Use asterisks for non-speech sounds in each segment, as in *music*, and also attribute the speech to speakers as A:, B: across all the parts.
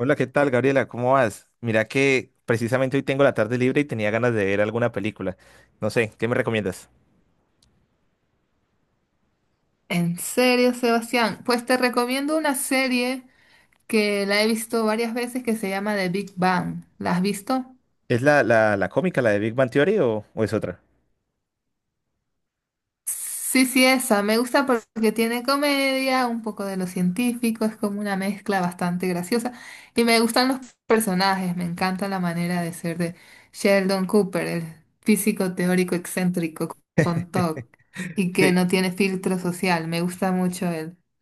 A: Hola, ¿qué tal, Gabriela? ¿Cómo vas? Mira que precisamente hoy tengo la tarde libre y tenía ganas de ver alguna película. No sé, ¿qué me recomiendas?
B: En serio, Sebastián, pues te recomiendo una serie que la he visto varias veces que se llama The Big Bang. ¿La has visto?
A: ¿Es la cómica, la de Big Bang Theory o es otra?
B: Sí, sí, esa. Me gusta porque tiene comedia, un poco de lo científico, es como una mezcla bastante graciosa. Y me gustan los personajes, me encanta la manera de ser de Sheldon Cooper, el físico teórico excéntrico con TOC y que no
A: *laughs*
B: tiene filtro social. Me gusta mucho.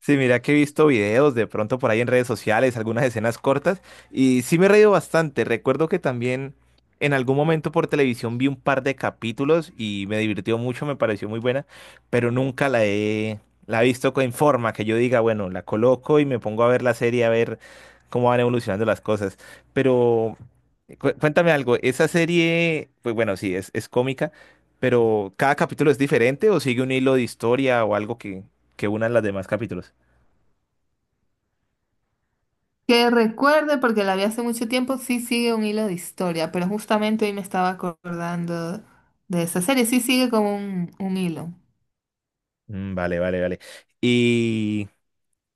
A: Sí, mira que he visto videos de pronto por ahí en redes sociales, algunas escenas cortas, y sí me he reído bastante. Recuerdo que también en algún momento por televisión vi un par de capítulos y me divirtió mucho, me pareció muy buena, pero nunca la he, la he visto en forma que yo diga, bueno, la coloco y me pongo a ver la serie, a ver cómo van evolucionando las cosas. Pero cuéntame algo, esa serie, pues bueno, sí, es cómica, pero ¿cada capítulo es diferente o sigue un hilo de historia o algo que una las demás capítulos?
B: Que recuerde, porque la vi hace mucho tiempo, sí sigue un hilo de historia, pero justamente hoy me estaba acordando de esa serie, sí sigue como un hilo.
A: Mm, vale, vale, vale. Y,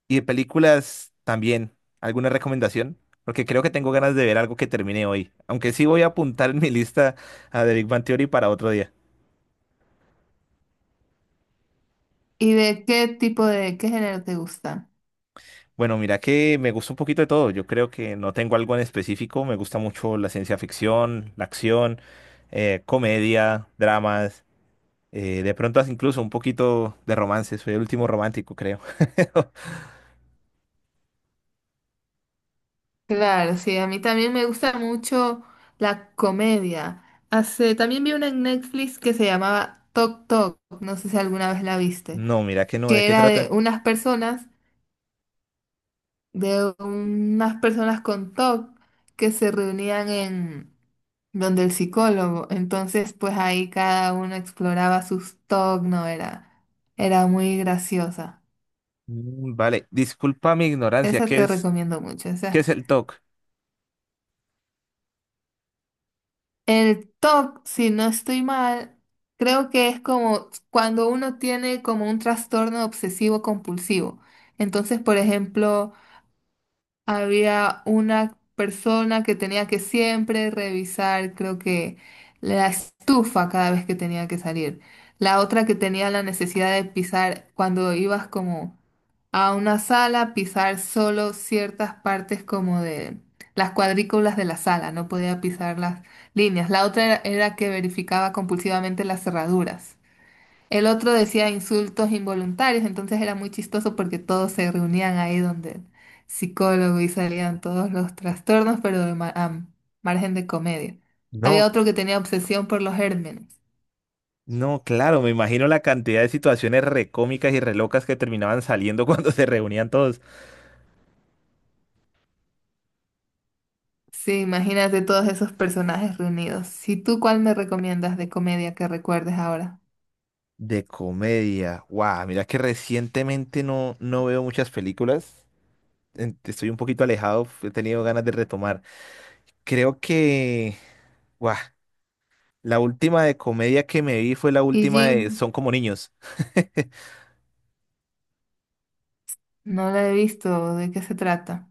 A: y de películas también, ¿alguna recomendación? Porque creo que tengo ganas de ver algo que termine hoy. Aunque sí voy a apuntar *laughs* en mi lista a The Big Bang Theory para otro día.
B: ¿Y de qué tipo de, qué género te gusta?
A: Bueno, mira que me gusta un poquito de todo. Yo creo que no tengo algo en específico. Me gusta mucho la ciencia ficción, la acción, comedia, dramas. De pronto hasta incluso un poquito de romance. Soy el último romántico, creo. *laughs*
B: Claro, sí, a mí también me gusta mucho la comedia. Hace, también vi una en Netflix que se llamaba Tok Tok, no sé si alguna vez la viste,
A: No, mira que no. ¿De
B: que
A: qué
B: era de
A: trata?
B: unas personas de unas personas con TOC que se reunían en donde el psicólogo. Entonces, pues ahí cada uno exploraba sus TOC, no era, era muy graciosa.
A: Mm, vale, disculpa mi ignorancia.
B: Esa
A: ¿Qué
B: te
A: es?
B: recomiendo mucho. O
A: ¿Qué
B: sea,
A: es el TOC?
B: el TOC, si no estoy mal, creo que es como cuando uno tiene como un trastorno obsesivo compulsivo. Entonces, por ejemplo, había una persona que tenía que siempre revisar, creo que la estufa cada vez que tenía que salir. La otra que tenía la necesidad de pisar cuando ibas como a una sala, pisar solo ciertas partes como de las cuadrículas de la sala, no podía pisar las líneas. La otra era que verificaba compulsivamente las cerraduras. El otro decía insultos involuntarios, entonces era muy chistoso porque todos se reunían ahí donde el psicólogo y salían todos los trastornos, pero a margen de comedia.
A: No,
B: Había otro que tenía obsesión por los gérmenes.
A: no, claro, me imagino la cantidad de situaciones recómicas y relocas que terminaban saliendo *laughs* cuando se reunían todos.
B: Sí, imagínate todos esos personajes reunidos. Si tú, ¿cuál me recomiendas de comedia que recuerdes ahora?
A: De comedia. Guau, mira que recientemente no veo muchas películas. Estoy un poquito alejado, he tenido ganas de retomar. Creo que, guau, la última de comedia que me vi fue la
B: Y
A: última de
B: Jin,
A: Son como niños. *laughs*
B: no la he visto, ¿de qué se trata?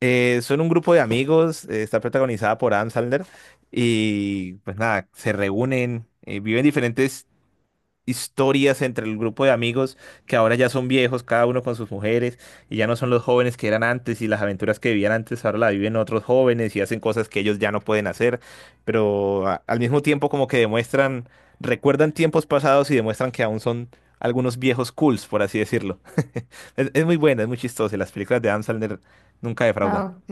A: Son un grupo de amigos, está protagonizada por Adam Sandler y pues nada, se reúnen, viven diferentes historias entre el grupo de amigos que ahora ya son viejos, cada uno con sus mujeres, y ya no son los jóvenes que eran antes, y las aventuras que vivían antes ahora la viven otros jóvenes y hacen cosas que ellos ya no pueden hacer, pero al mismo tiempo como que demuestran, recuerdan tiempos pasados y demuestran que aún son algunos viejos cools, por así decirlo. *laughs* Es muy buena, es muy chistosa, y las películas de Adam Sandler nunca defraudan.
B: Ah, ok.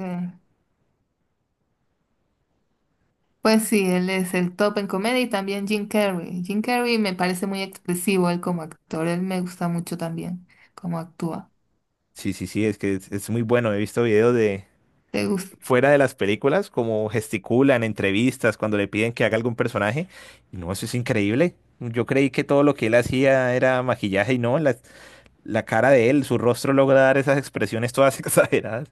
B: Pues sí, él es el top en comedia y también Jim Carrey. Jim Carrey me parece muy expresivo él como actor, él me gusta mucho también cómo actúa.
A: Sí, sí, sí, es que es muy bueno, he visto videos de
B: ¿Te gusta?
A: fuera de las películas, como gesticulan, en entrevistas, cuando le piden que haga algún personaje. Y no, eso es increíble. Yo creí que todo lo que él hacía era maquillaje y no, la cara de él, su rostro logra dar esas expresiones todas *laughs* exageradas.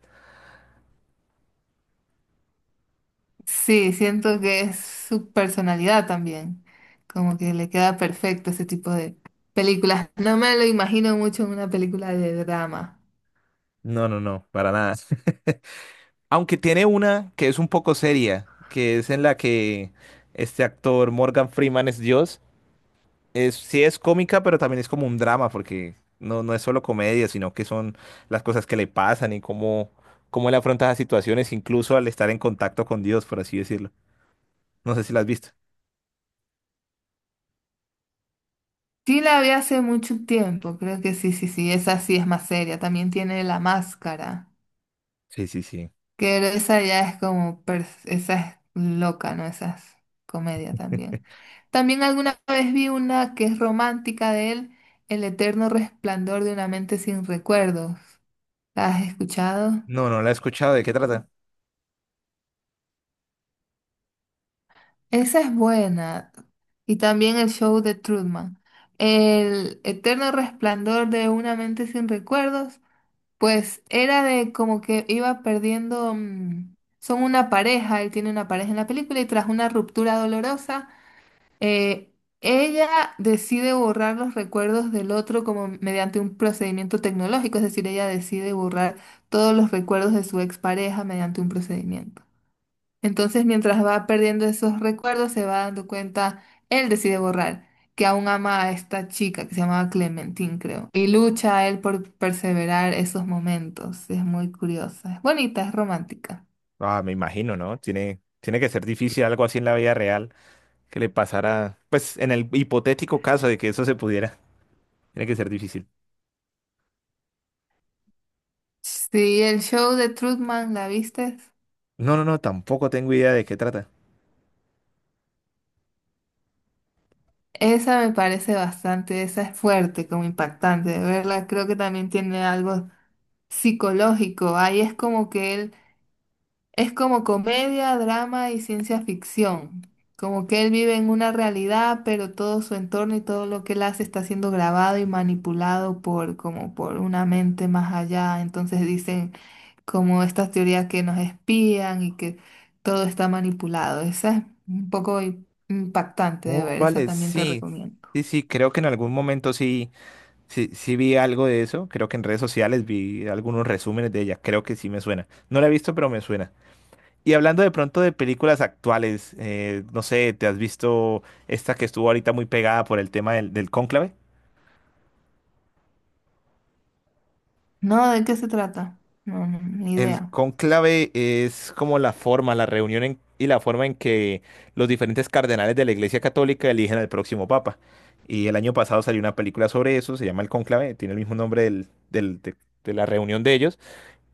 B: Sí, siento que es su personalidad también, como que le queda perfecto ese tipo de películas. No me lo imagino mucho en una película de drama.
A: No, no, no, para nada. *laughs* Aunque tiene una que es un poco seria, que es en la que este actor Morgan Freeman es Dios. Es, sí es cómica, pero también es como un drama, porque no es solo comedia, sino que son las cosas que le pasan y cómo él afronta las situaciones, incluso al estar en contacto con Dios, por así decirlo. No sé si la has visto.
B: Sí la vi hace mucho tiempo, creo que sí, sí, sí, esa sí es más seria. También tiene La Máscara.
A: Sí, sí, sí.
B: Que esa ya es como, esa es loca, ¿no? Esa es comedia también. También alguna vez vi una que es romántica de él, El eterno resplandor de una mente sin recuerdos. ¿La has escuchado?
A: No, no la he escuchado. ¿De qué trata?
B: Esa es buena. Y también el show de Truman. El eterno resplandor de una mente sin recuerdos, pues era de como que iba perdiendo, son una pareja, él tiene una pareja en la película y tras una ruptura dolorosa. Eh, ella decide borrar los recuerdos del otro como mediante un procedimiento tecnológico, es decir, ella decide borrar todos los recuerdos de su expareja mediante un procedimiento. Entonces, mientras va perdiendo esos recuerdos, se va dando cuenta, él decide borrar, que aún ama a esta chica que se llamaba Clementine, creo, y lucha a él por perseverar esos momentos. Es muy curiosa, es bonita, es romántica.
A: Ah, me imagino, ¿no? Tiene que ser difícil algo así en la vida real que le pasara, pues en el hipotético caso de que eso se pudiera. Tiene que ser difícil.
B: Sí, el show de Truman, ¿la viste?
A: No, no, no, tampoco tengo idea de qué trata.
B: Esa me parece bastante, esa es fuerte, como impactante de verla. Creo que también tiene algo psicológico. Ahí es como que él, es como comedia, drama y ciencia ficción. Como que él vive en una realidad, pero todo su entorno y todo lo que él hace está siendo grabado y manipulado por, como por una mente más allá. Entonces dicen como estas teorías que nos espían y que todo está manipulado. Esa es un poco impactante de
A: Oh,
B: ver, esa
A: vale,
B: también te
A: sí.
B: recomiendo.
A: Sí, sí, creo que en algún momento sí. Sí, sí vi algo de eso, creo que en redes sociales vi algunos resúmenes de ella, creo que sí me suena. No la he visto, pero me suena. Y hablando de pronto de películas actuales, no sé, ¿te has visto esta que estuvo ahorita muy pegada por el tema del cónclave?
B: No, ¿de qué se trata? No, no, ni
A: El
B: idea.
A: cónclave es como la forma, y la forma en que los diferentes cardenales de la Iglesia Católica eligen al próximo papa. Y el año pasado salió una película sobre eso, se llama El Cónclave, tiene el mismo nombre de de la reunión de ellos.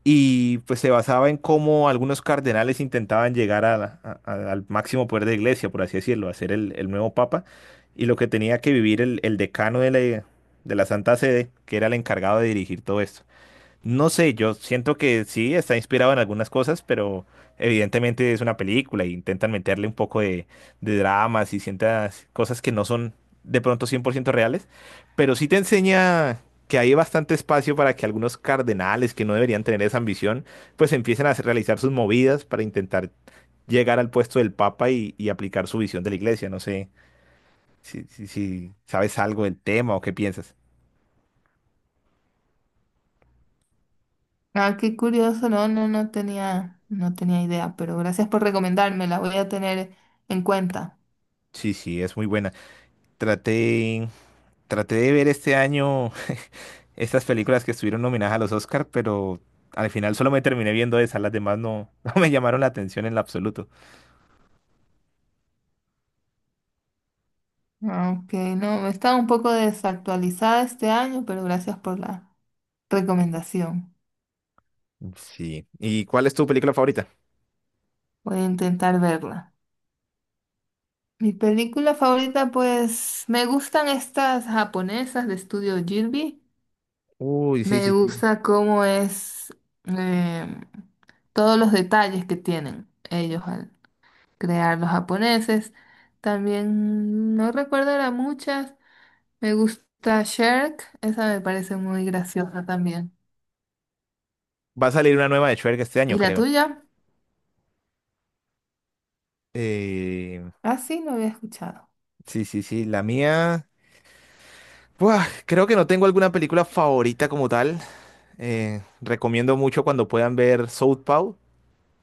A: Y pues se basaba en cómo algunos cardenales intentaban llegar a al máximo poder de la iglesia, por así decirlo, a ser el nuevo papa, y lo que tenía que vivir el decano de la Santa Sede, que era el encargado de dirigir todo esto. No sé, yo siento que sí, está inspirado en algunas cosas, pero evidentemente es una película e intentan meterle un poco de dramas y ciertas cosas que no son de pronto 100% reales, pero sí te enseña que hay bastante espacio para que algunos cardenales que no deberían tener esa ambición, pues empiecen a realizar sus movidas para intentar llegar al puesto del Papa y aplicar su visión de la iglesia. No sé si si sabes algo del tema o qué piensas.
B: Ah, qué curioso, no, no, no tenía, no tenía idea, pero gracias por recomendarme, la voy a tener en cuenta.
A: Sí, sí, es muy buena. Traté Traté de ver este año *laughs* estas películas que estuvieron nominadas a los Oscar, pero al final solo me terminé viendo esas, las demás no, *laughs* no me llamaron la atención en lo absoluto.
B: Aunque no, estaba un poco desactualizada este año, pero gracias por la recomendación.
A: Sí. ¿Y cuál es tu película favorita?
B: Voy a intentar verla. Mi película favorita, pues, me gustan estas japonesas de estudio Ghibli.
A: Uy, sí,
B: Me
A: sí, sí.
B: gusta cómo es em, todos los detalles que tienen ellos crear los japoneses. También no recuerdo ahora muchas. Me gusta Shrek, esa me parece muy graciosa también.
A: Va a salir una nueva de Shrek este año,
B: ¿Y la
A: creo.
B: tuya?
A: Eh,
B: Ah, sí, no había escuchado.
A: sí, sí, sí, la mía. Buah, creo que no tengo alguna película favorita como tal. Recomiendo mucho cuando puedan ver Southpaw.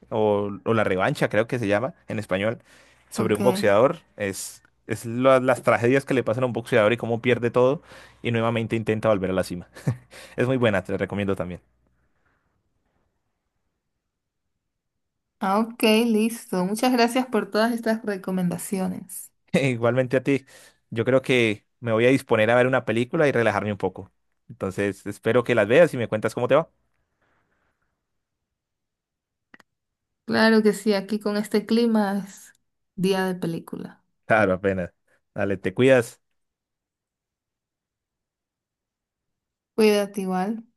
A: O La Revancha, creo que se llama en español, sobre
B: Ok.
A: un boxeador. Es las tragedias que le pasan a un boxeador y cómo pierde todo y nuevamente intenta volver a la cima. Es muy buena, te la recomiendo también.
B: Ah, ok, listo. Muchas gracias por todas estas recomendaciones.
A: *laughs* Igualmente a ti, yo creo que me voy a disponer a ver una película y relajarme un poco. Entonces, espero que las veas y me cuentas cómo te va.
B: Claro que sí, aquí con este clima es día de película.
A: Claro, apenas. Dale, te cuidas.
B: Cuídate igual.